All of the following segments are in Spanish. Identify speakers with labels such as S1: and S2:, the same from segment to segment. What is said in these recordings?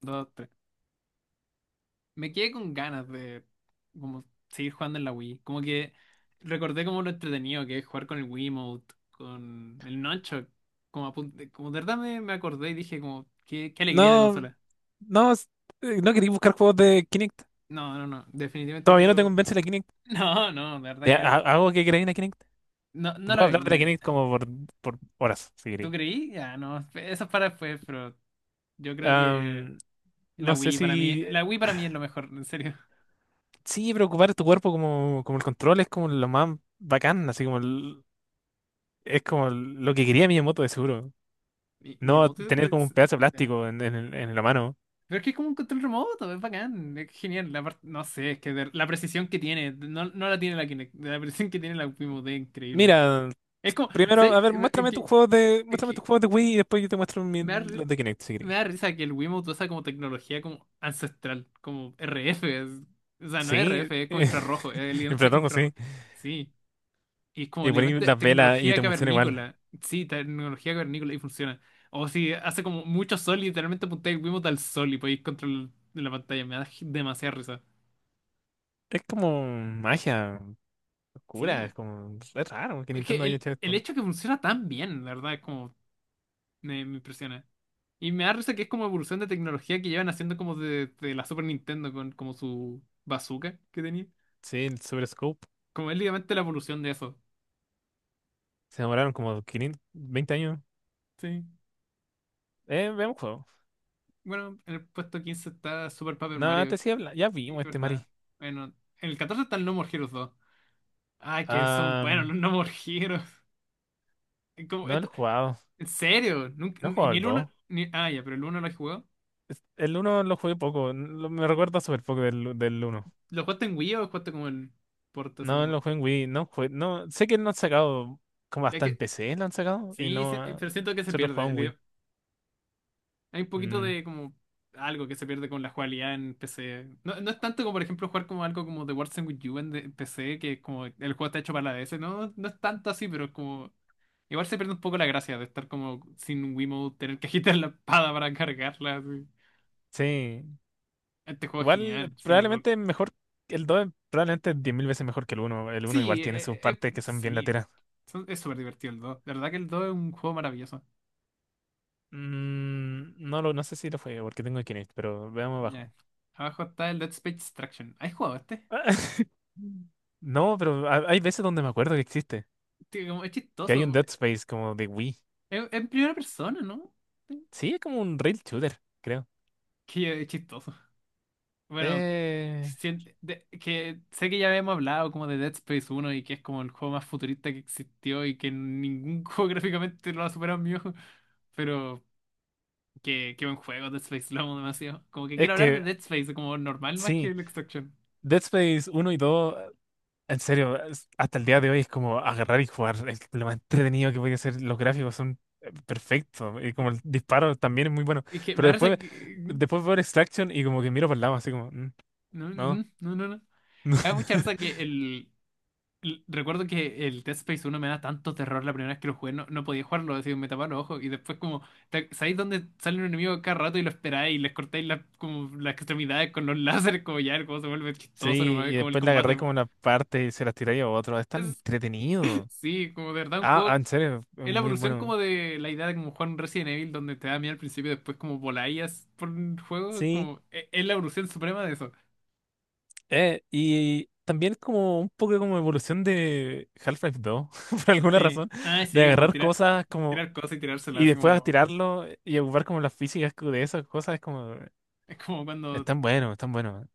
S1: Dos, tres. Me quedé con ganas de como seguir jugando en la Wii. Como que recordé como lo entretenido que es jugar con el Wiimote, con el Nunchuk. Como, como de verdad me acordé y dije como, qué alegría de
S2: No,
S1: consola.
S2: no, no quería buscar juegos de Kinect.
S1: No, no, no. Definitivamente
S2: Todavía no te
S1: quiero.
S2: convence la Kinect.
S1: No, no, de verdad
S2: Te
S1: quiero.
S2: hago que queráis la Kinect.
S1: No,
S2: Te
S1: no lo
S2: puedo
S1: hagáis,
S2: hablar
S1: no
S2: de
S1: lo
S2: la
S1: hagáis.
S2: Kinect como por horas, si
S1: ¿Tú
S2: queréis.
S1: creí? Ya, no. Eso es para después, pero yo creo que
S2: Am,
S1: la
S2: no sé
S1: Wii para mí.
S2: si.
S1: La Wii para mí es lo mejor, en serio.
S2: Sí, preocupar tu cuerpo como el control es como lo más bacán, así como es como lo que quería Miyamoto de seguro. No
S1: Miyamoto
S2: tener como un
S1: es-
S2: pedazo de plástico en la mano.
S1: Pero es que es como un control remoto, es bacán, es genial. No sé, es que la precisión que tiene, no, no la tiene la Kinect, la precisión que tiene la Wii es increíble.
S2: Mira,
S1: Es como,
S2: primero,
S1: ¿sabes?
S2: a ver,
S1: Es que, es
S2: muéstrame tus
S1: que
S2: juegos de Wii y después yo te muestro
S1: me da, ri-
S2: los de Kinect, si
S1: me
S2: queréis.
S1: da risa que el Wiimote usa como tecnología como ancestral, como RF. O sea, no es
S2: Sí,
S1: RF, es como infrarrojo, es
S2: en
S1: literalmente
S2: Platón, sí.
S1: infrarrojo. Sí, y es como
S2: Y poner
S1: literalmente
S2: las velas y
S1: tecnología
S2: te funciona igual.
S1: cavernícola. Sí, tecnología cavernícola y funciona. O si hace como mucho sol y literalmente apuntáis el Wiimote al sol y podéis controlar la pantalla. Me da demasiada risa.
S2: Es como magia oscura, es
S1: Sí,
S2: como. Es raro que
S1: es que
S2: Nintendo haya
S1: el,
S2: hecho
S1: el
S2: esto.
S1: hecho que funciona tan bien, la verdad, es como me impresiona. Y me da risa que es como evolución de tecnología que llevan haciendo como de la Super Nintendo con como su bazooka que tenía.
S2: Sí, el Super Scope.
S1: Como es literalmente la evolución de eso.
S2: Se demoraron como 520 años.
S1: Sí.
S2: Veamos juego.
S1: Bueno, en el puesto 15 está Super Paper
S2: No,
S1: Mario.
S2: antes sí ya
S1: Sí,
S2: vimos este
S1: verdad.
S2: Mari.
S1: Bueno, en el 14 está el No More Heroes 2. Ay, que son
S2: Ah,
S1: buenos los No More Heroes. Es como,
S2: no lo he jugado.
S1: en serio, nunca,
S2: No he
S1: ni
S2: jugado
S1: ni
S2: el
S1: el uno.
S2: dos.
S1: Ni, ah, ya, pero el uno lo he jugado.
S2: El uno lo jugué poco. Me recuerda súper poco del uno.
S1: ¿Lo jugaste en Wii o lo jugaste como en Porta, así
S2: No,
S1: como?
S2: lo jugué en Wii. No, no, sé que lo han sacado como
S1: Es
S2: hasta en
S1: que
S2: PC lo han sacado. Y
S1: sí, sí,
S2: no, ah,
S1: pero siento que se
S2: solo he jugado
S1: pierde.
S2: en Wii.
S1: Hay un poquito
S2: Mm,
S1: de como algo que se pierde con la jugabilidad en PC. No, no es tanto como, por ejemplo, jugar como algo como The Warzone with You en PC, que es como el juego está hecho para la DS. No, no es tanto así, pero es como. Igual se pierde un poco la gracia de estar como sin Wiimote, tener que agitar la espada para cargarla. Así.
S2: sí.
S1: Este juego es
S2: Igual,
S1: genial.
S2: probablemente es mejor, el 2 probablemente es 10.000 veces mejor que el uno. El uno
S1: Sí,
S2: igual tiene sus partes que son bien
S1: sí.
S2: lateras.
S1: Es súper divertido el dos. La verdad que el 2 es un juego maravilloso.
S2: Mm, no sé si lo fue porque tengo el Kinect, pero veamos
S1: Ya.
S2: abajo.
S1: Abajo está el Dead Space Extraction. ¿Has jugado este?
S2: No, pero hay veces donde me acuerdo que existe.
S1: Tío, como es
S2: Que hay un
S1: chistoso.
S2: Dead Space como de Wii.
S1: En primera persona, ¿no?
S2: Sí, es como un rail shooter, creo.
S1: Que es chistoso. Bueno,
S2: Eh,
S1: que sé que ya habíamos hablado como de Dead Space uno y que es como el juego más futurista que existió y que ningún juego gráficamente lo ha superado en mi ojo. Pero que qué buen juego, Dead Space, lo amo demasiado. Como que
S2: es
S1: quiero hablar de
S2: que,
S1: Dead Space como normal más que
S2: sí,
S1: el Extraction.
S2: Dead Space uno y dos. En serio, hasta el día de hoy es como agarrar y jugar. Es lo más entretenido que podía ser. Los gráficos son perfectos. Y como el disparo también es muy bueno.
S1: Y que me
S2: Pero
S1: da risa
S2: después,
S1: que...
S2: después veo Extraction y como que miro para el lado, así como, "Mm,
S1: No,
S2: no."
S1: no, no, no. No. Me da mucha risa que recuerdo que el Dead Space 1 me da tanto terror la primera vez que lo jugué, no podía jugarlo, así me tapaban los ojos y después como, ¿sabéis dónde sale un enemigo cada rato y lo esperáis y les cortáis las como las extremidades con los láseres, como ya, como se vuelve
S2: Sí,
S1: chistoso nomás,
S2: y
S1: como el
S2: después le agarré
S1: combate?
S2: como una parte y se las tiré a otro. Es tan
S1: Es-
S2: entretenido.
S1: sí, como de verdad un
S2: Ah, ah,
S1: juego,
S2: en serio, es
S1: es la
S2: muy
S1: evolución
S2: bueno.
S1: como de la idea de como jugar un Resident Evil donde te da miedo al principio y después como voláis por un juego,
S2: Sí,
S1: como, es la evolución suprema de eso.
S2: y también como un poco como evolución de Half-Life 2, por alguna
S1: Sí,
S2: razón,
S1: ah,
S2: de
S1: sí, como
S2: agarrar cosas como.
S1: tirar cosas y tirárselas,
S2: Y
S1: así
S2: después a
S1: como,
S2: tirarlo y ocupar como las físicas de esas cosas es como,
S1: es como cuando...
S2: están buenos, están buenos.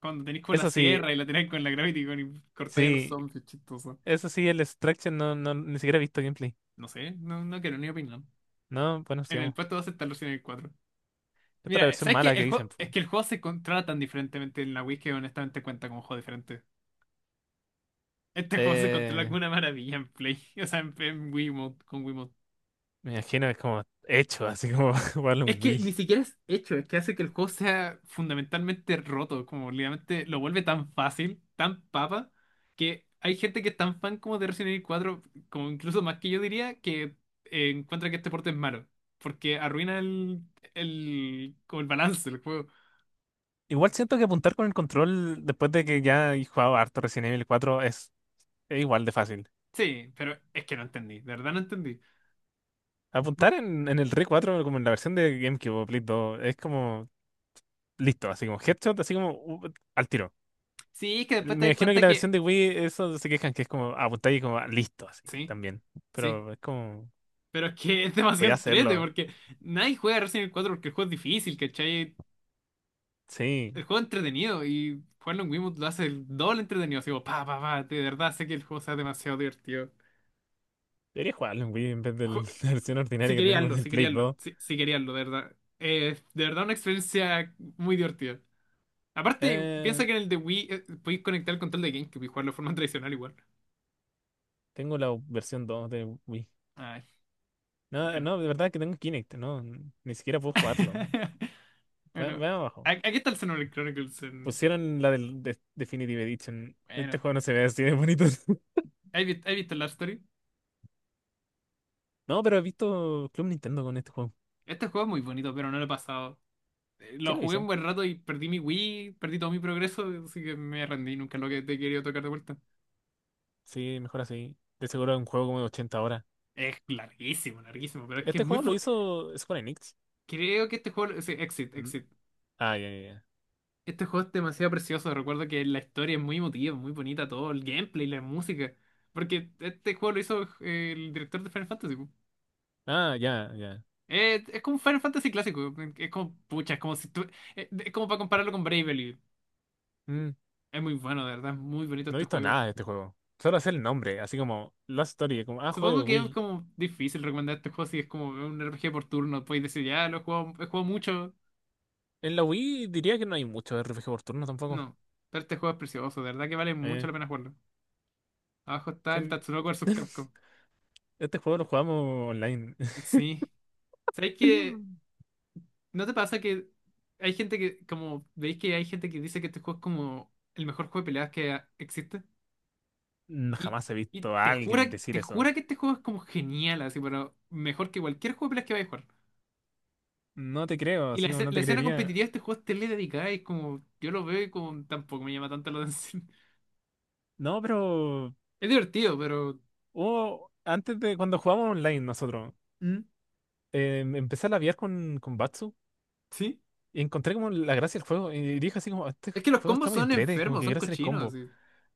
S1: Cuando tenéis con la
S2: Eso sí,
S1: sierra y la tenéis con la gravity gun y cortáis a los
S2: sí,
S1: zombies, chistoso.
S2: eso sí, el Extraction no, no, ni siquiera he visto gameplay.
S1: No sé, no quiero ni opinar.
S2: No, bueno,
S1: En el
S2: sigamos.
S1: puesto 2 está Resident Evil 4.
S2: Esta es la
S1: Mira,
S2: versión
S1: ¿sabes qué?
S2: mala que
S1: El juego,
S2: dicen, po.
S1: es que el juego se controla tan diferentemente en la Wii que honestamente cuenta como un juego diferente. Este juego se controla con
S2: Eh,
S1: una maravilla en Play, o sea, en Wiimote, con Wii.
S2: me imagino que es como hecho, así como jugarlo
S1: Es
S2: en
S1: que
S2: Wii.
S1: ni siquiera es hecho, es que hace que el juego sea fundamentalmente roto, como literalmente lo vuelve tan fácil, tan papa, que hay gente que es tan fan como de Resident Evil 4 como incluso más que yo diría, que encuentra que este porte es malo, porque arruina como el balance del juego.
S2: Igual siento que apuntar con el control, después de que ya he jugado harto Resident Evil 4 es igual de fácil.
S1: Sí, pero es que no entendí, de verdad no entendí. Bu-
S2: Apuntar en el Re 4 como en la versión de GameCube o Play dos es como listo, así como headshot, así como al tiro.
S1: Sí, es que después te
S2: Me
S1: das
S2: imagino que
S1: cuenta
S2: la versión
S1: que...
S2: de Wii, eso se quejan que es como apuntar y como ah, listo, así
S1: Sí,
S2: también.
S1: sí,
S2: Pero es como,
S1: pero es que es
S2: voy
S1: demasiado
S2: a
S1: entrete,
S2: hacerlo.
S1: porque nadie juega Resident Evil 4 porque el juego es difícil, ¿cachai?
S2: Sí,
S1: El juego es entretenido y jugarlo en Wiimote lo hace el doble entretenido. Así como, pa, pa, pa, de verdad sé que el juego sea demasiado divertido.
S2: debería jugarlo en Wii en vez de
S1: Ju-
S2: la versión
S1: si
S2: ordinaria que
S1: quería
S2: tengo
S1: hazlo,
S2: del
S1: si
S2: Play
S1: quería hazlo,
S2: 2.
S1: si quería hazlo, de verdad. De verdad una experiencia muy divertida. Aparte,
S2: Eh,
S1: piensa que en el de Wii podéis conectar el control de GameCube y jugarlo de forma tradicional igual.
S2: tengo la versión 2 de Wii.
S1: Ay,
S2: No,
S1: bueno.
S2: no, de verdad que tengo Kinect, no, ni siquiera puedo jugarlo.
S1: Bueno,
S2: Vean abajo.
S1: aquí está el Xenoblade Chronicles.
S2: Pusieron la del Definitive Edition. Este
S1: Bueno,
S2: juego no se ve así de bonito.
S1: ¿ has visto Love Story?
S2: No, pero he visto Club Nintendo con este juego.
S1: Este juego es muy bonito, pero no lo he pasado. Lo
S2: ¿Quién lo
S1: jugué un
S2: hizo?
S1: buen rato y perdí mi Wii, perdí todo mi progreso, así que me rendí, nunca lo que te he querido tocar de vuelta.
S2: Sí, mejor así. De seguro es un juego como de 80 horas.
S1: Es larguísimo, larguísimo, pero es que es
S2: Este
S1: muy...
S2: juego lo hizo Square Enix.
S1: Creo que este juego... Sí, Exit,
S2: Mm.
S1: Exit.
S2: Ah, ya, ya, ya.
S1: Este juego es demasiado precioso, recuerdo que la historia es muy emotiva, muy bonita, todo el gameplay, la música. Porque este juego lo hizo el director de Final Fantasy, po.
S2: Ah, ya, ya.
S1: Es como un Final Fantasy clásico, es como... Pucha, es como si tú... Es como para compararlo con Bravely.
S2: Mm,
S1: Es muy bueno, de verdad, es muy bonito
S2: No he
S1: este
S2: visto
S1: juego.
S2: nada de este juego. Solo sé el nombre, así como Lost Story, como, ah, juego
S1: Supongo
S2: de
S1: que es
S2: Wii.
S1: como difícil recomendar este juego si es como un RPG por turno. Podéis decir, ya lo he jugado mucho.
S2: En la Wii diría que no hay mucho RPG por turno tampoco.
S1: No, pero este juego es precioso, de verdad que vale mucho
S2: Eh,
S1: la pena jugarlo. Abajo está
S2: que
S1: el Tatsunoko vs Capcom.
S2: Este juego lo jugamos online.
S1: Sí. ¿Sabéis que no te pasa que hay gente que, como veis que hay gente que dice que este juego es como el mejor juego de peleas que existe?
S2: No,
S1: Y,
S2: jamás he
S1: y
S2: visto a alguien decir
S1: te
S2: eso.
S1: jura que este juego es como genial, así, pero mejor que cualquier juego de peleas que vayas a jugar.
S2: No te creo,
S1: Y
S2: así como no
S1: la
S2: te
S1: escena
S2: creería.
S1: competitiva de este juego es tele dedicada y es como, yo lo veo y como tampoco me llama tanto la atención.
S2: No, pero
S1: Es divertido, pero...
S2: antes de cuando jugábamos online nosotros,
S1: ¿Mm?
S2: empecé a labiar con, Batsu.
S1: ¿Sí?
S2: Y encontré como la gracia del juego. Y dije así como, este
S1: Es que los
S2: juego está
S1: combos
S2: muy
S1: son
S2: entrete, como
S1: enfermos,
S2: que
S1: son
S2: quiero hacer el
S1: cochinos,
S2: combo.
S1: así.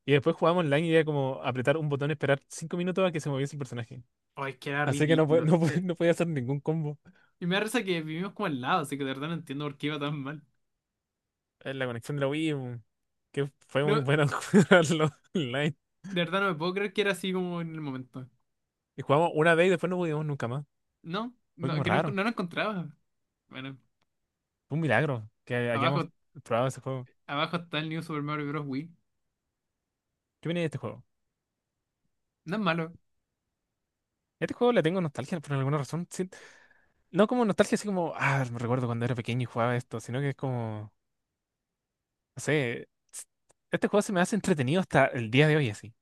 S2: Y después jugábamos online y era como apretar un botón, esperar 5 minutos a que se moviese el personaje.
S1: Ay, es que era
S2: Así que no,
S1: ridículo.
S2: no, no podía hacer ningún combo.
S1: Y me da risa que vivimos como al lado, así que de verdad no entiendo por qué iba tan mal.
S2: La conexión de la Wii, que fue
S1: No,
S2: muy
S1: de
S2: buena jugarlo online.
S1: verdad no me puedo creer que era así como en el momento.
S2: Y jugamos una vez y después no pudimos nunca más.
S1: No,
S2: Fue
S1: no,
S2: como
S1: que no,
S2: raro.
S1: no lo encontraba. Bueno,
S2: Fue un milagro que hayamos
S1: abajo,
S2: probado ese juego.
S1: abajo está el New Super Mario Bros. Wii.
S2: ¿Qué viene de este juego?
S1: No es malo.
S2: Este juego le tengo nostalgia por alguna razón, sí. No como nostalgia así como, ah, me recuerdo cuando era pequeño y jugaba esto, sino que es como. No sé este juego se me hace entretenido hasta el día de hoy, así.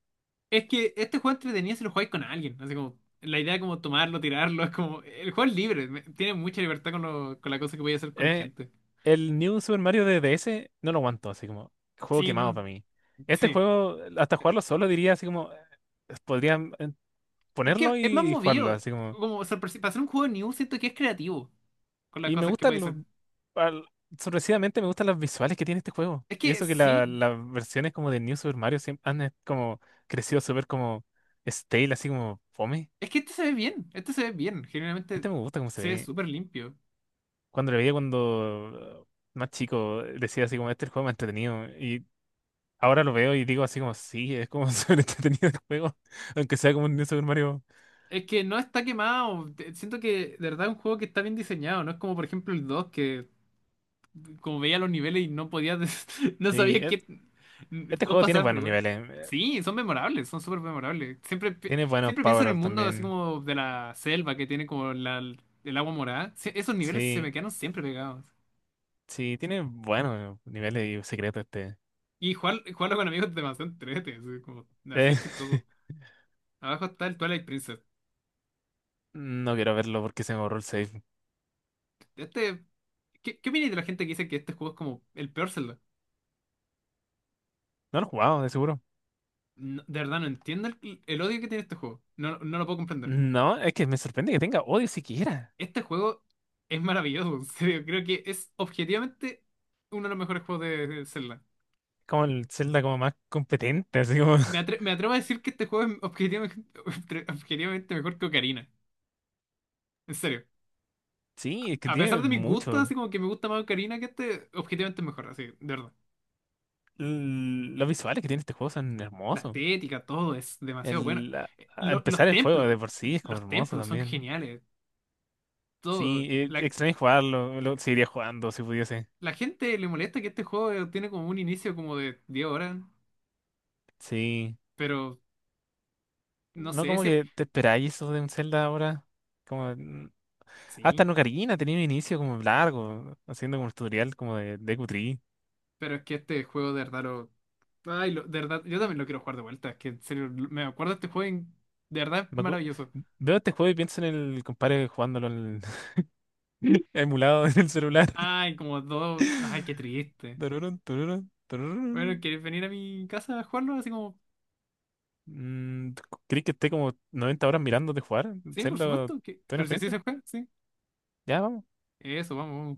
S1: Es que este juego entretenido si lo jugáis con alguien. Así como, la idea de como tomarlo, tirarlo, es como. El juego es libre, tiene mucha libertad con la cosa que voy a hacer con
S2: Eh,
S1: gente.
S2: el New Super Mario de DS no lo aguanto, así como, juego
S1: Sí,
S2: quemado
S1: no,
S2: para mí. Este
S1: sí.
S2: juego, hasta jugarlo solo diría así como, podría
S1: Es
S2: ponerlo
S1: que es más
S2: y, jugarlo,
S1: movido.
S2: así como.
S1: Como para hacer un juego de New, siento que es creativo con las
S2: Y me
S1: cosas que puede
S2: gustan
S1: hacer.
S2: al- sorpresivamente me gustan las visuales que tiene este juego.
S1: Es
S2: Y
S1: que
S2: eso que
S1: sí,
S2: las versiones como de New Super Mario siempre han como crecido súper como stale, así como fome.
S1: es que este se ve bien, este se ve bien, generalmente
S2: Este me gusta cómo se
S1: se ve
S2: ve.
S1: súper limpio.
S2: Cuando lo veía cuando más chico, decía así como, este es el juego más entretenido. Y ahora lo veo y digo así como, sí, es como súper entretenido el juego, aunque sea como un New Super Mario.
S1: Es que no está quemado, siento que de verdad es un juego que está bien diseñado, no es como por ejemplo el 2 que como veía los niveles y no podía, no
S2: Sí,
S1: sabía qué,
S2: este
S1: todo
S2: juego tiene
S1: pasaba, pero
S2: buenos
S1: igual.
S2: niveles,
S1: Sí, son memorables, son súper memorables. Siempre,
S2: tiene buenos
S1: siempre pienso en el
S2: power-ups
S1: mundo así
S2: también.
S1: como de la selva que tiene como el agua morada. Sí, esos niveles se me
S2: Sí,
S1: quedaron siempre pegados.
S2: sí, tiene buenos niveles y secretos este.
S1: Y jugarlo con amigos es demasiado entrete, así como
S2: Eh,
S1: hacer chistoso. Abajo está el Twilight Princess.
S2: no quiero verlo porque se me borró el save.
S1: Este, ¿qué opinas de la gente que dice que este juego es como el peor Zelda?
S2: No lo he jugado, de seguro.
S1: No, de verdad no entiendo el odio que tiene este juego. No, no lo puedo comprender.
S2: No, es que me sorprende que tenga odio siquiera.
S1: Este juego es maravilloso, en serio. Creo que es objetivamente uno de los mejores juegos de Zelda.
S2: Como el Zelda como más competente, así como.
S1: Me atrevo a decir que este juego es objetivamente, objetivamente mejor que Ocarina. En serio.
S2: Sí, es que
S1: A pesar
S2: tiene
S1: de mis gustos,
S2: mucho.
S1: así como que me gusta más Ocarina que este, objetivamente es mejor, así, de verdad.
S2: Los visuales que tiene este juego son
S1: La
S2: hermosos.
S1: estética, todo es demasiado bueno.
S2: El, a- a empezar
S1: Los
S2: el juego
S1: templos,
S2: de por sí es como
S1: los
S2: hermoso
S1: templos son
S2: también.
S1: geniales.
S2: Sí,
S1: Todo. La,
S2: extraño jugarlo, lo seguiría jugando si pudiese.
S1: la gente le molesta que este juego tiene como un inicio como de 10 horas,
S2: Sí.
S1: pero no
S2: No
S1: sé,
S2: como
S1: siempre.
S2: que te esperáis eso de un Zelda ahora. Como hasta
S1: Sí.
S2: en Ocarina tenía un inicio como largo, haciendo como un tutorial como de Deku Tree.
S1: Pero es que este juego de verdad lo... Ay, de verdad, yo también lo quiero jugar de vuelta. Es que en serio, me acuerdo de este juego y de verdad es
S2: Me acu-
S1: maravilloso.
S2: Veo este juego y pienso en el compadre jugándolo en emulado en el celular.
S1: Ay, como dos... Ay, qué triste.
S2: Tururun, tururun,
S1: Bueno,
S2: tururun.
S1: ¿quieres venir a mi casa a jugarlo? Así como...
S2: Mm, ¿Crees que esté como 90 horas mirándote jugar?
S1: Sí, por
S2: Zelda,
S1: supuesto,
S2: ¿tiene
S1: pero si así se
S2: experiencia?
S1: juega, sí.
S2: Ya, vamos.
S1: Eso, vamos.